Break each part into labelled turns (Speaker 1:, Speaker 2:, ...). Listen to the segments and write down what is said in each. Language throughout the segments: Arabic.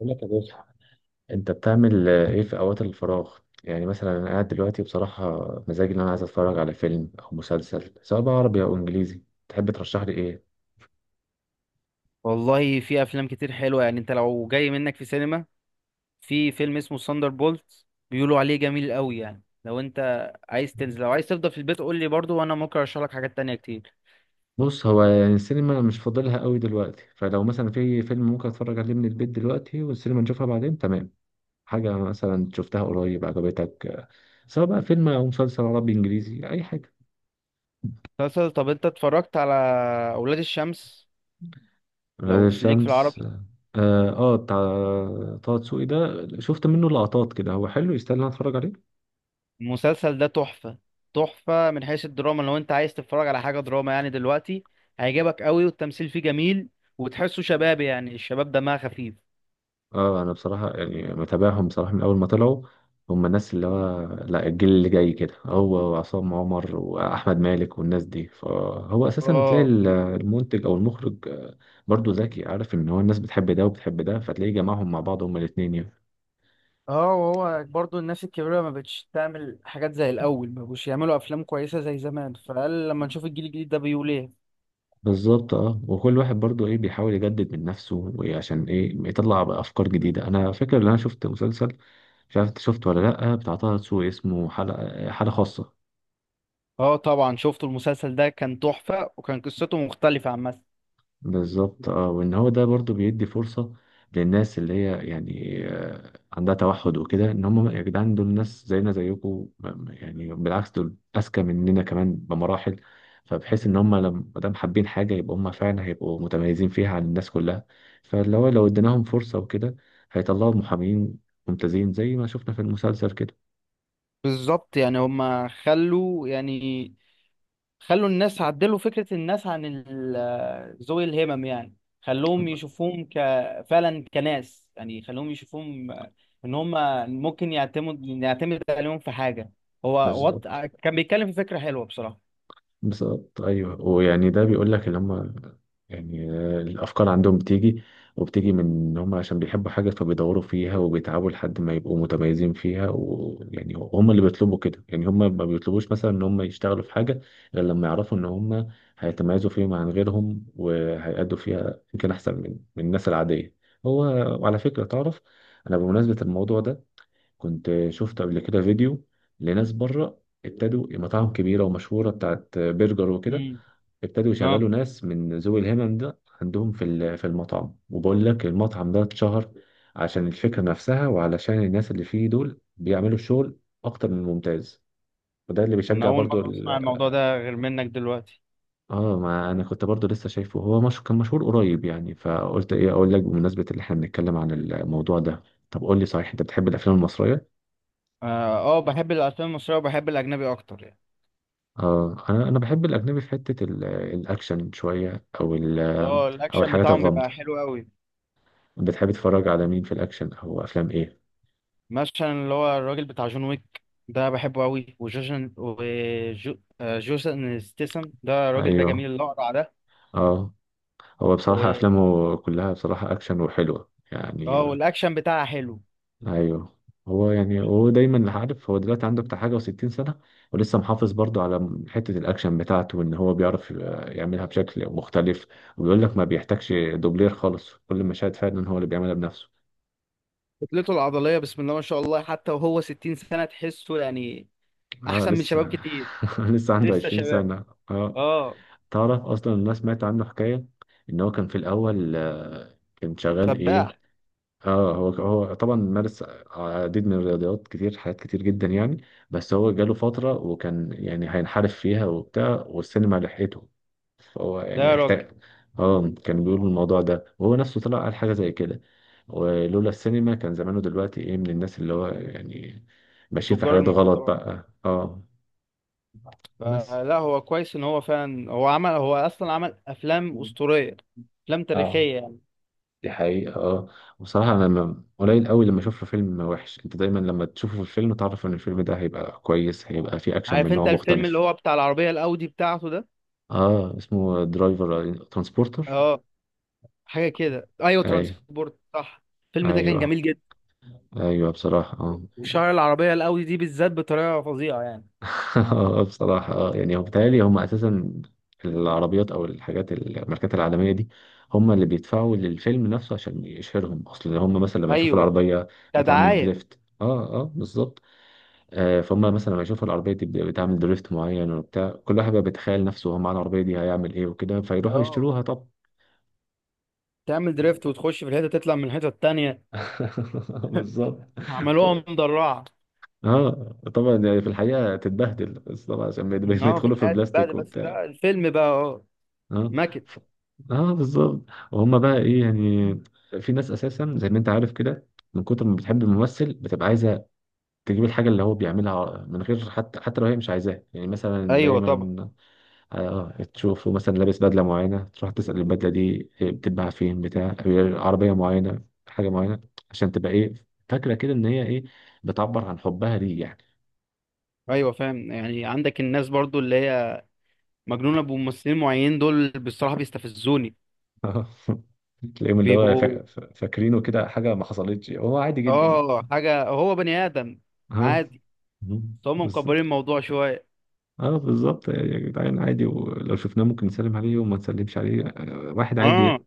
Speaker 1: بقول لك يا باشا. انت بتعمل ايه في اوقات الفراغ؟ يعني مثلا انا قاعد دلوقتي بصراحه مزاجي ان انا عايز اتفرج على فيلم او مسلسل سواء بقى عربي او انجليزي. تحب ترشح لي ايه؟
Speaker 2: والله في افلام كتير حلوه، يعني انت لو جاي منك في سينما، في فيلم اسمه ساندر بولت بيقولوا عليه جميل قوي. يعني لو انت عايز تنزل، لو عايز تفضل في البيت قول لي برضو، وانا ممكن ارشح لك حاجات تانية كتير.
Speaker 1: بص، هو يعني السينما أنا مش فاضلها قوي دلوقتي، فلو مثلا في فيلم ممكن اتفرج عليه من البيت دلوقتي والسينما نشوفها بعدين. تمام. حاجه مثلا شفتها قريب عجبتك؟ سواء بقى فيلم او مسلسل عربي انجليزي اي حاجه.
Speaker 2: مسلسل، طب انت اتفرجت على اولاد الشمس؟
Speaker 1: غير
Speaker 2: ليك في
Speaker 1: الشمس.
Speaker 2: العربي.
Speaker 1: اه بتاع طه دسوقي ده، شفت منه لقطات كده، هو حلو، يستاهل ان أنا اتفرج عليه.
Speaker 2: المسلسل ده تحفه، تحفه من حيث الدراما. لو انت عايز تتفرج على حاجه دراما يعني دلوقتي، هيعجبك قوي، والتمثيل فيه جميل، وتحسه شبابي، يعني الشباب دمها خفيف.
Speaker 1: اه انا بصراحه يعني متابعهم بصراحه من اول ما طلعوا، هم الناس اللي هو لا الجيل اللي جاي كده، هو وعصام عمر واحمد مالك والناس دي. فهو اساسا تلاقي
Speaker 2: اه،
Speaker 1: المنتج او المخرج برضو ذكي، عارف ان هو الناس بتحب ده وبتحب ده فتلاقيه جمعهم مع بعض هما الاتنين يعني.
Speaker 2: اه، وهو برضو الناس الكبيرة ما بقتش تعمل حاجات زي الأول، ما بقوش يعملوا أفلام كويسة زي زمان، فقال لما نشوف الجيل الجديد ده بيقول إيه.
Speaker 1: بالظبط، اه، وكل واحد برضو ايه بيحاول يجدد من نفسه وإيه عشان ايه يطلع بقى افكار جديده. انا فاكر ان انا شفت مسلسل، مش عارف انت شفته ولا لا، بتاع طه دسوقي، اسمه حلقه حاله خاصه.
Speaker 2: اه طبعا شفت المسلسل ده، كان تحفة، وكان قصته مختلفة عن مثلا.
Speaker 1: بالظبط، اه، وان هو ده برضو بيدي فرصة للناس اللي هي يعني عندها توحد وكده، ان هم يا جدعان دول ناس زينا زيكم، يعني بالعكس دول اذكى مننا كمان بمراحل. فبحيث ان هم لما دام حابين حاجة يبقى هم فعلا هيبقوا متميزين فيها عن الناس كلها. فاللي هو لو اديناهم فرصة وكده هيطلعوا محامين ممتازين زي ما شفنا في المسلسل كده.
Speaker 2: بالظبط، يعني هما خلوا، يعني خلوا الناس عدلوا فكرة الناس عن ذوي الهمم، يعني خلوهم يشوفوهم فعلا كناس، يعني خلوهم يشوفوهم، إن هما ممكن نعتمد عليهم في حاجة. هو وط...
Speaker 1: بالظبط.
Speaker 2: كان بيتكلم في فكرة حلوة بصراحة.
Speaker 1: بالظبط، ايوه. ويعني ده بيقول لك اللي هم يعني الافكار عندهم بتيجي، وبتيجي من ان هم عشان بيحبوا حاجه فبيدوروا فيها وبيتعبوا لحد ما يبقوا متميزين فيها، ويعني هم اللي بيطلبوا كده، يعني هم ما بيطلبوش مثلا ان هم يشتغلوا في حاجه غير لما يعرفوا ان هم هيتميزوا فيما عن غيرهم وهيأدوا فيها يمكن احسن من الناس العاديه. هو. وعلى فكره، تعرف، انا بمناسبه الموضوع ده كنت شفت قبل كده فيديو لناس بره ابتدوا مطاعم كبيرة ومشهورة بتاعت برجر وكده، ابتدوا
Speaker 2: اه،
Speaker 1: يشغلوا ناس من ذوي الهمم ده عندهم في في المطعم، وبقول لك المطعم ده اتشهر عشان الفكرة نفسها، وعلشان الناس اللي فيه دول بيعملوا الشغل أكتر من ممتاز، وده اللي
Speaker 2: انا
Speaker 1: بيشجع
Speaker 2: اول
Speaker 1: برضو
Speaker 2: مره
Speaker 1: ال...
Speaker 2: اسمع الموضوع ده غير منك دلوقتي.
Speaker 1: اه ما انا كنت برضو لسه شايفه، هو مش... كان مشهور قريب يعني، فقلت ايه اقول لك بمناسبة اللي احنا بنتكلم عن الموضوع ده. طب قول لي صحيح، انت بتحب الافلام المصرية؟
Speaker 2: اه، بحب الافلام المصريه، وبحب الاجنبي اكتر يعني.
Speaker 1: اه انا بحب الاجنبي في حته الاكشن شويه او ال-
Speaker 2: اه
Speaker 1: او
Speaker 2: الاكشن
Speaker 1: الحاجات
Speaker 2: بتاعهم
Speaker 1: الغامضه.
Speaker 2: بيبقى حلو قوي.
Speaker 1: بتحب تتفرج على مين في الاكشن او افلام ايه؟
Speaker 2: مثلا اللي هو الراجل بتاع جون ويك ده بحبه قوي، وجوجن وجوسن ستيسن، ده الراجل ده
Speaker 1: ايوه.
Speaker 2: جميل، الاقرع ده
Speaker 1: اه هو بصراحه
Speaker 2: و...
Speaker 1: افلامه كلها بصراحه اكشن وحلوه يعني.
Speaker 2: اه والاكشن بتاعه حلو.
Speaker 1: ايوه. هو يعني هو دايما عارف، هو دلوقتي عنده بتاع حاجه و60 سنه ولسه محافظ برضه على حته الاكشن بتاعته، وان هو بيعرف يعملها بشكل مختلف، وبيقول لك ما بيحتاجش دوبلير خالص، كل المشاهد فعلا هو اللي بيعملها بنفسه.
Speaker 2: كتلته العضليه بسم الله ما شاء الله، حتى وهو 60 سنه تحسه يعني
Speaker 1: اه
Speaker 2: احسن من شباب
Speaker 1: لسه.
Speaker 2: كتير.
Speaker 1: لسه عنده
Speaker 2: لسه
Speaker 1: 20
Speaker 2: شباب.
Speaker 1: سنة. اه.
Speaker 2: اه.
Speaker 1: تعرف اصلا الناس سمعت عنه حكاية ان هو كان في الاول كان شغال ايه.
Speaker 2: سباح.
Speaker 1: اه هو طبعا مارس عديد من الرياضيات، كتير حاجات كتير جدا يعني. بس هو جاله فترة وكان يعني هينحرف فيها وبتاع، والسينما لحقته، فهو
Speaker 2: لا
Speaker 1: يعني
Speaker 2: يا راجل.
Speaker 1: احتاج. اه كان بيقول الموضوع ده، وهو نفسه طلع قال حاجة زي كده، ولولا السينما كان زمانه دلوقتي ايه من الناس اللي هو يعني ماشيين في
Speaker 2: تجار
Speaker 1: حاجات غلط
Speaker 2: المخدرات.
Speaker 1: بقى. اه. بس.
Speaker 2: فلا هو كويس، ان هو فعلا هو عمل، هو اصلا عمل افلام اسطوريه، افلام
Speaker 1: اه،
Speaker 2: تاريخيه يعني.
Speaker 1: دي حقيقة. اه بصراحة أنا قليل قوي لما أشوف له فيلم وحش. أنت دايما لما تشوفه في الفيلم تعرف إن الفيلم ده هيبقى كويس، هيبقى فيه أكشن من
Speaker 2: عارف
Speaker 1: نوع
Speaker 2: انت الفيلم اللي
Speaker 1: مختلف.
Speaker 2: هو بتاع العربيه الاودي بتاعته ده؟
Speaker 1: اه اسمه درايفر، ترانسبورتر.
Speaker 2: اه حاجه كده، ايوه
Speaker 1: أيوه.
Speaker 2: ترانسبورت، صح. الفيلم ده كان
Speaker 1: أيوه.
Speaker 2: جميل جدا.
Speaker 1: أيوه بصراحة. اه.
Speaker 2: وشهر العربيه الاودي دي بالذات بطريقه فظيعه يعني.
Speaker 1: بصراحة يعني هو بيتهيألي هم أساسا العربيات أو الحاجات الماركات العالمية دي هم اللي بيدفعوا للفيلم نفسه عشان يشهرهم، أصل هم مثلا لما يشوفوا
Speaker 2: ايوه،
Speaker 1: العربية بتعمل
Speaker 2: كدعايه.
Speaker 1: دريفت. اه اه بالظبط. آه، فهم مثلا لما يشوفوا العربية دي بتعمل دريفت معين وبتاع، كل واحد بقى بيتخيل نفسه هو معاه العربية دي هيعمل ايه وكده، فيروحوا
Speaker 2: اه
Speaker 1: يشتروها. طب.
Speaker 2: تعمل دريفت وتخش في الحته، تطلع من الحته التانيه.
Speaker 1: بالظبط. ف-
Speaker 2: عملوها مدرعه.
Speaker 1: اه طبعا، يعني في الحقيقة تتبهدل، بس طبعا عشان
Speaker 2: اه في
Speaker 1: بيدخلوا في
Speaker 2: الحياه
Speaker 1: بلاستيك.
Speaker 2: تتبهدل، بس بقى الفيلم بقى
Speaker 1: اه.
Speaker 2: ماكت.
Speaker 1: ف... اه بالظبط. وهم بقى ايه يعني، في ناس اساسا زي ما انت عارف كده، من كتر ما بتحب الممثل بتبقى عايزه تجيب الحاجه اللي هو بيعملها من غير حتى لو هي مش عايزاها يعني. مثلا
Speaker 2: ايوه طبعا.
Speaker 1: دايما، اه، تشوفه مثلا لابس بدله معينه تروح تسال البدله دي بتتباع فين، بتاع عربيه معينه، حاجه معينه، عشان تبقى ايه فاكره كده ان هي ايه بتعبر عن حبها ليه يعني.
Speaker 2: ايوه فاهم، يعني عندك الناس برضو اللي هي مجنونة بممثلين معينين، دول بصراحة بيستفزوني.
Speaker 1: تلاقيهم اللي هو
Speaker 2: بيبقوا
Speaker 1: فاكرينه كده حاجه ما حصلتش، هو عادي جدا.
Speaker 2: اه حاجة، هو بني آدم
Speaker 1: ها.
Speaker 2: عادي، بس هم مكبرين
Speaker 1: بالظبط.
Speaker 2: الموضوع شوية.
Speaker 1: اه بالظبط يا جدعان عادي، ولو شفناه ممكن نسلم عليه وما نسلمش عليه، واحد عادي يعني.
Speaker 2: اه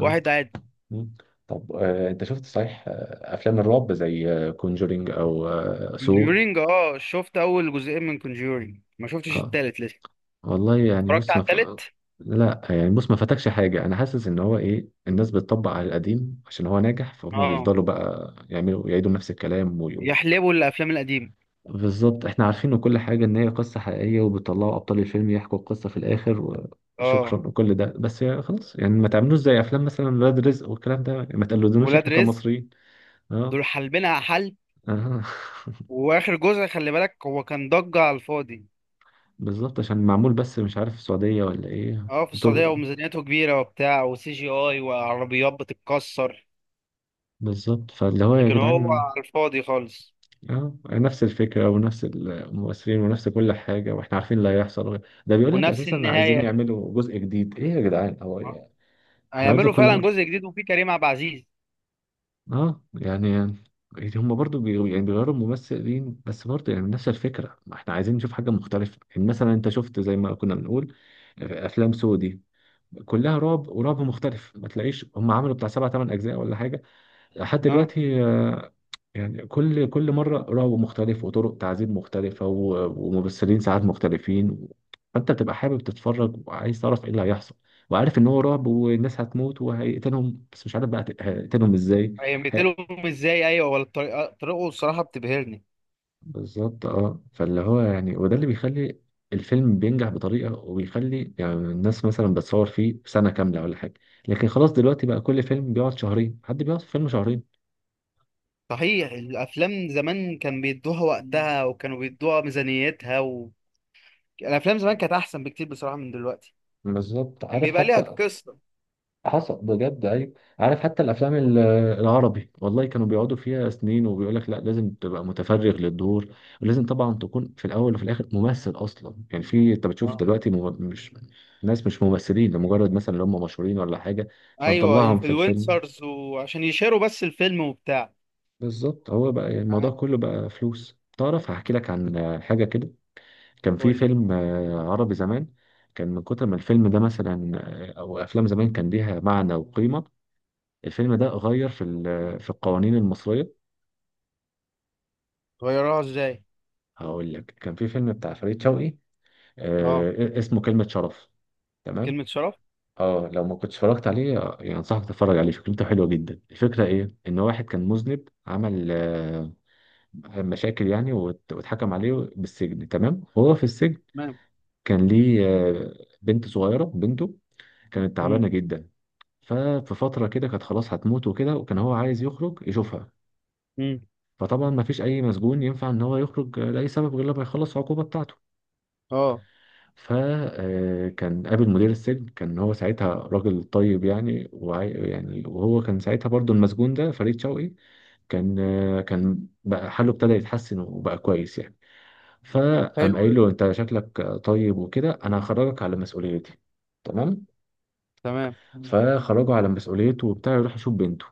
Speaker 1: آه.
Speaker 2: عادي.
Speaker 1: مم. طب انت شفت صحيح افلام الرعب زي كونجورينج او سو؟
Speaker 2: كونجورينج، اه شفت أول جزئين من كونجورينج، ما شفتش
Speaker 1: اه
Speaker 2: التالت لسه.
Speaker 1: والله يعني
Speaker 2: اتفرجت
Speaker 1: بص
Speaker 2: على
Speaker 1: ما ف...
Speaker 2: التالت.
Speaker 1: لا يعني بص ما فاتكش حاجة، أنا حاسس إن هو إيه الناس بتطبق على القديم عشان هو ناجح، فهم
Speaker 2: اه،
Speaker 1: بيفضلوا بقى يعملوا يعيدوا نفس الكلام.
Speaker 2: يحلبوا الأفلام القديمة.
Speaker 1: بالظبط، احنا عارفين وكل حاجة ان هي قصة حقيقية، وبيطلعوا ابطال الفيلم يحكوا القصة في الاخر وشكرا
Speaker 2: اه
Speaker 1: وكل ده، بس يا خلاص يعني ما تعملوش زي افلام مثلا ولاد رزق والكلام ده، يعني ما تقلدوناش
Speaker 2: ولاد
Speaker 1: احنا
Speaker 2: رزق
Speaker 1: كمصريين. اه.
Speaker 2: دول حلبينها حلب.
Speaker 1: اه.
Speaker 2: وآخر جزء خلي بالك، هو كان ضجة على الفاضي.
Speaker 1: بالظبط، عشان معمول بس مش عارف السعودية ولا ايه.
Speaker 2: اه في السعودية،
Speaker 1: وطرقه.
Speaker 2: وميزانيته كبيرة وبتاع، وسي جي اي وعربيات بتتكسر،
Speaker 1: بالظبط، فاللي هو يا
Speaker 2: لكن هو
Speaker 1: جدعان
Speaker 2: على الفاضي خالص.
Speaker 1: اه نفس الفكرة ونفس الممثلين ونفس كل حاجة، واحنا عارفين اللي هيحصل. ده بيقول لك
Speaker 2: ونفس
Speaker 1: اساسا عايزين
Speaker 2: النهاية.
Speaker 1: يعملوا جزء جديد. ايه يا جدعان، هو احنا هنفضل
Speaker 2: هيعملوا
Speaker 1: كل
Speaker 2: فعلا
Speaker 1: مرة؟
Speaker 2: جزء جديد وفيه كريم عبد العزيز.
Speaker 1: اه يعني، يعني هم برضو يعني بيغيروا الممثلين بس برضو يعني نفس الفكرة، ما احنا عايزين نشوف حاجة مختلفة. يعني مثلا انت شفت زي ما كنا بنقول افلام سودي كلها رعب، ورعب مختلف، ما تلاقيش هم عملوا بتاع سبع ثمان اجزاء ولا حاجة لحد
Speaker 2: اه
Speaker 1: دلوقتي، يعني كل مرة رعب مختلف وطرق تعذيب مختلفة و- وممثلين ساعات مختلفين، فانت بتبقى حابب تتفرج وعايز تعرف ايه اللي هيحصل، وعارف ان هو رعب والناس هتموت وهيقتلهم، بس مش عارف بقى هيقتلهم ازاي.
Speaker 2: هيقتلهم ازاي، ايوه، ولا الطريقة، طريقه الصراحة بتبهرني.
Speaker 1: بالظبط، اه، فاللي هو يعني وده اللي بيخلي الفيلم بينجح بطريقة، وبيخلي يعني الناس مثلا بتصور فيه سنة كاملة ولا حاجة، لكن خلاص دلوقتي بقى كل فيلم بيقعد شهرين، حد بيقعد في فيلم شهرين؟
Speaker 2: صحيح الافلام زمان كان بيدوها
Speaker 1: مم.
Speaker 2: وقتها، وكانوا بيدوها ميزانيتها الافلام زمان كانت احسن بكتير بصراحة من دلوقتي.
Speaker 1: بالظبط.
Speaker 2: كان
Speaker 1: عارف
Speaker 2: بيبقى ليها
Speaker 1: حتى
Speaker 2: قصة.
Speaker 1: حصل بجد، ايوه. عارف حتى الافلام العربي والله كانوا بيقعدوا فيها سنين، وبيقول لك لا لازم تبقى متفرغ للدور، ولازم طبعا تكون في الاول وفي الاخر ممثل اصلا يعني. في انت بتشوف
Speaker 2: اه.
Speaker 1: دلوقتي مش ناس، مش ممثلين، لمجرد مثلا اللي هم مشهورين ولا حاجه
Speaker 2: ايوه
Speaker 1: فنطلعهم في الفيلم.
Speaker 2: انفلونسرز، وعشان يشيروا بس الفيلم وبتاع.
Speaker 1: بالظبط، هو بقى الموضوع
Speaker 2: آه،
Speaker 1: كله بقى فلوس. تعرف هحكي لك عن حاجه كده، كان في
Speaker 2: قول لي.
Speaker 1: فيلم عربي زمان، كان من كتر ما الفيلم ده مثلا او افلام زمان كان ليها معنى وقيمه، الفيلم ده غير في في القوانين المصرية.
Speaker 2: غيروها ازاي؟
Speaker 1: هقول لك، كان في فيلم بتاع فريد شوقي
Speaker 2: اه
Speaker 1: اسمه كلمة شرف. تمام.
Speaker 2: كلمة شرف.
Speaker 1: اه لو ما كنتش اتفرجت عليه يعني انصحك تتفرج عليه، فكرته حلوة جدا. الفكرة ايه، ان واحد كان مذنب، عمل مشاكل يعني واتحكم عليه بالسجن. تمام. وهو في السجن
Speaker 2: تمام.
Speaker 1: كان ليه بنت صغيرة، بنته كانت تعبانة
Speaker 2: امم
Speaker 1: جدا، ففي فترة كده كانت خلاص هتموت وكده، وكان هو عايز يخرج يشوفها.
Speaker 2: امم
Speaker 1: فطبعا ما فيش اي مسجون ينفع ان هو يخرج لاي سبب غير لما يخلص العقوبه بتاعته.
Speaker 2: اه.
Speaker 1: فكان قابل مدير السجن، كان هو ساعتها راجل طيب يعني وعي يعني، وهو كان ساعتها برضو المسجون ده فريد شوقي كان كان بقى حاله ابتدى يتحسن وبقى كويس يعني. فقام
Speaker 2: حلو
Speaker 1: قايل
Speaker 2: ده.
Speaker 1: له انت شكلك طيب وكده، انا هخرجك على مسؤوليتي. تمام.
Speaker 2: تمام.
Speaker 1: فخرجه على مسؤوليته وبتاع يروح يشوف بنته.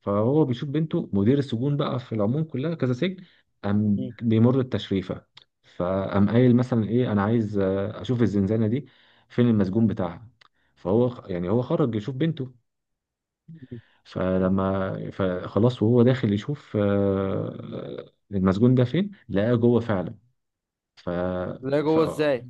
Speaker 1: فهو بيشوف بنته، مدير السجون بقى في العموم كلها كذا سجن، قام
Speaker 2: مم.
Speaker 1: بيمر التشريفة. فقام قايل مثلا ايه انا عايز اشوف الزنزانة دي، فين المسجون بتاعها. فهو يعني هو خرج يشوف بنته،
Speaker 2: مم.
Speaker 1: فلما فخلاص وهو داخل يشوف المسجون ده فين، لقاه جوه فعلا. ف...
Speaker 2: لا
Speaker 1: ف
Speaker 2: جوه ازاي؟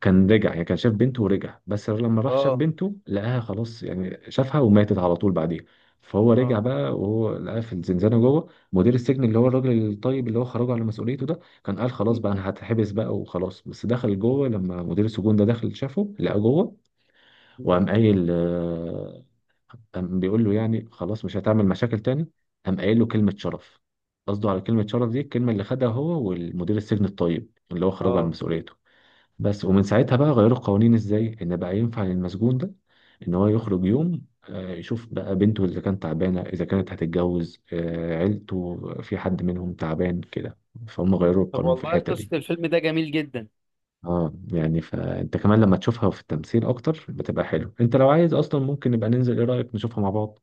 Speaker 1: كان رجع، يعني كان شاف بنته ورجع، بس لما راح شاف
Speaker 2: اه.
Speaker 1: بنته لقاها خلاص يعني، شافها وماتت على طول بعديها. فهو رجع
Speaker 2: اه.
Speaker 1: بقى وهو لقاها في الزنزانة جوه، مدير السجن اللي هو الراجل الطيب اللي هو خرجه على مسؤوليته ده كان قال خلاص
Speaker 2: مم.
Speaker 1: بقى انا هتحبس بقى وخلاص، بس دخل جوه، لما مدير السجون ده دخل شافه لقاه جوه.
Speaker 2: مم.
Speaker 1: وقام قايل قام بيقول له يعني خلاص مش هتعمل مشاكل تاني. قام قايل له كلمة شرف. قصده على كلمة شرف دي الكلمة اللي خدها هو والمدير السجن الطيب اللي هو خرجه على
Speaker 2: اه.
Speaker 1: مسؤوليته. بس ومن ساعتها بقى غيروا القوانين ازاي ان بقى ينفع للمسجون ده ان هو يخرج يوم يشوف بقى بنته اذا كانت تعبانه، اذا كانت هتتجوز، عيلته في حد منهم تعبان كده، فهم غيروا
Speaker 2: طب
Speaker 1: القانون في
Speaker 2: والله
Speaker 1: الحته دي.
Speaker 2: قصة الفيلم ده جميل جدا.
Speaker 1: اه يعني فانت كمان لما تشوفها في التمثيل اكتر بتبقى حلو. انت لو عايز اصلا ممكن نبقى ننزل، ايه رايك نشوفها مع بعض؟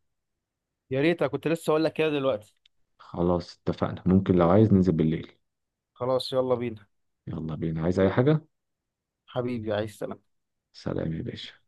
Speaker 2: يا ريت، أنا كنت لسه اقول لك كده دلوقتي.
Speaker 1: خلاص، اتفقنا. ممكن لو عايز ننزل بالليل.
Speaker 2: خلاص يلا بينا.
Speaker 1: يلا بينا. عايز اي حاجه؟
Speaker 2: حبيبي عايز.
Speaker 1: سلام يا باشا.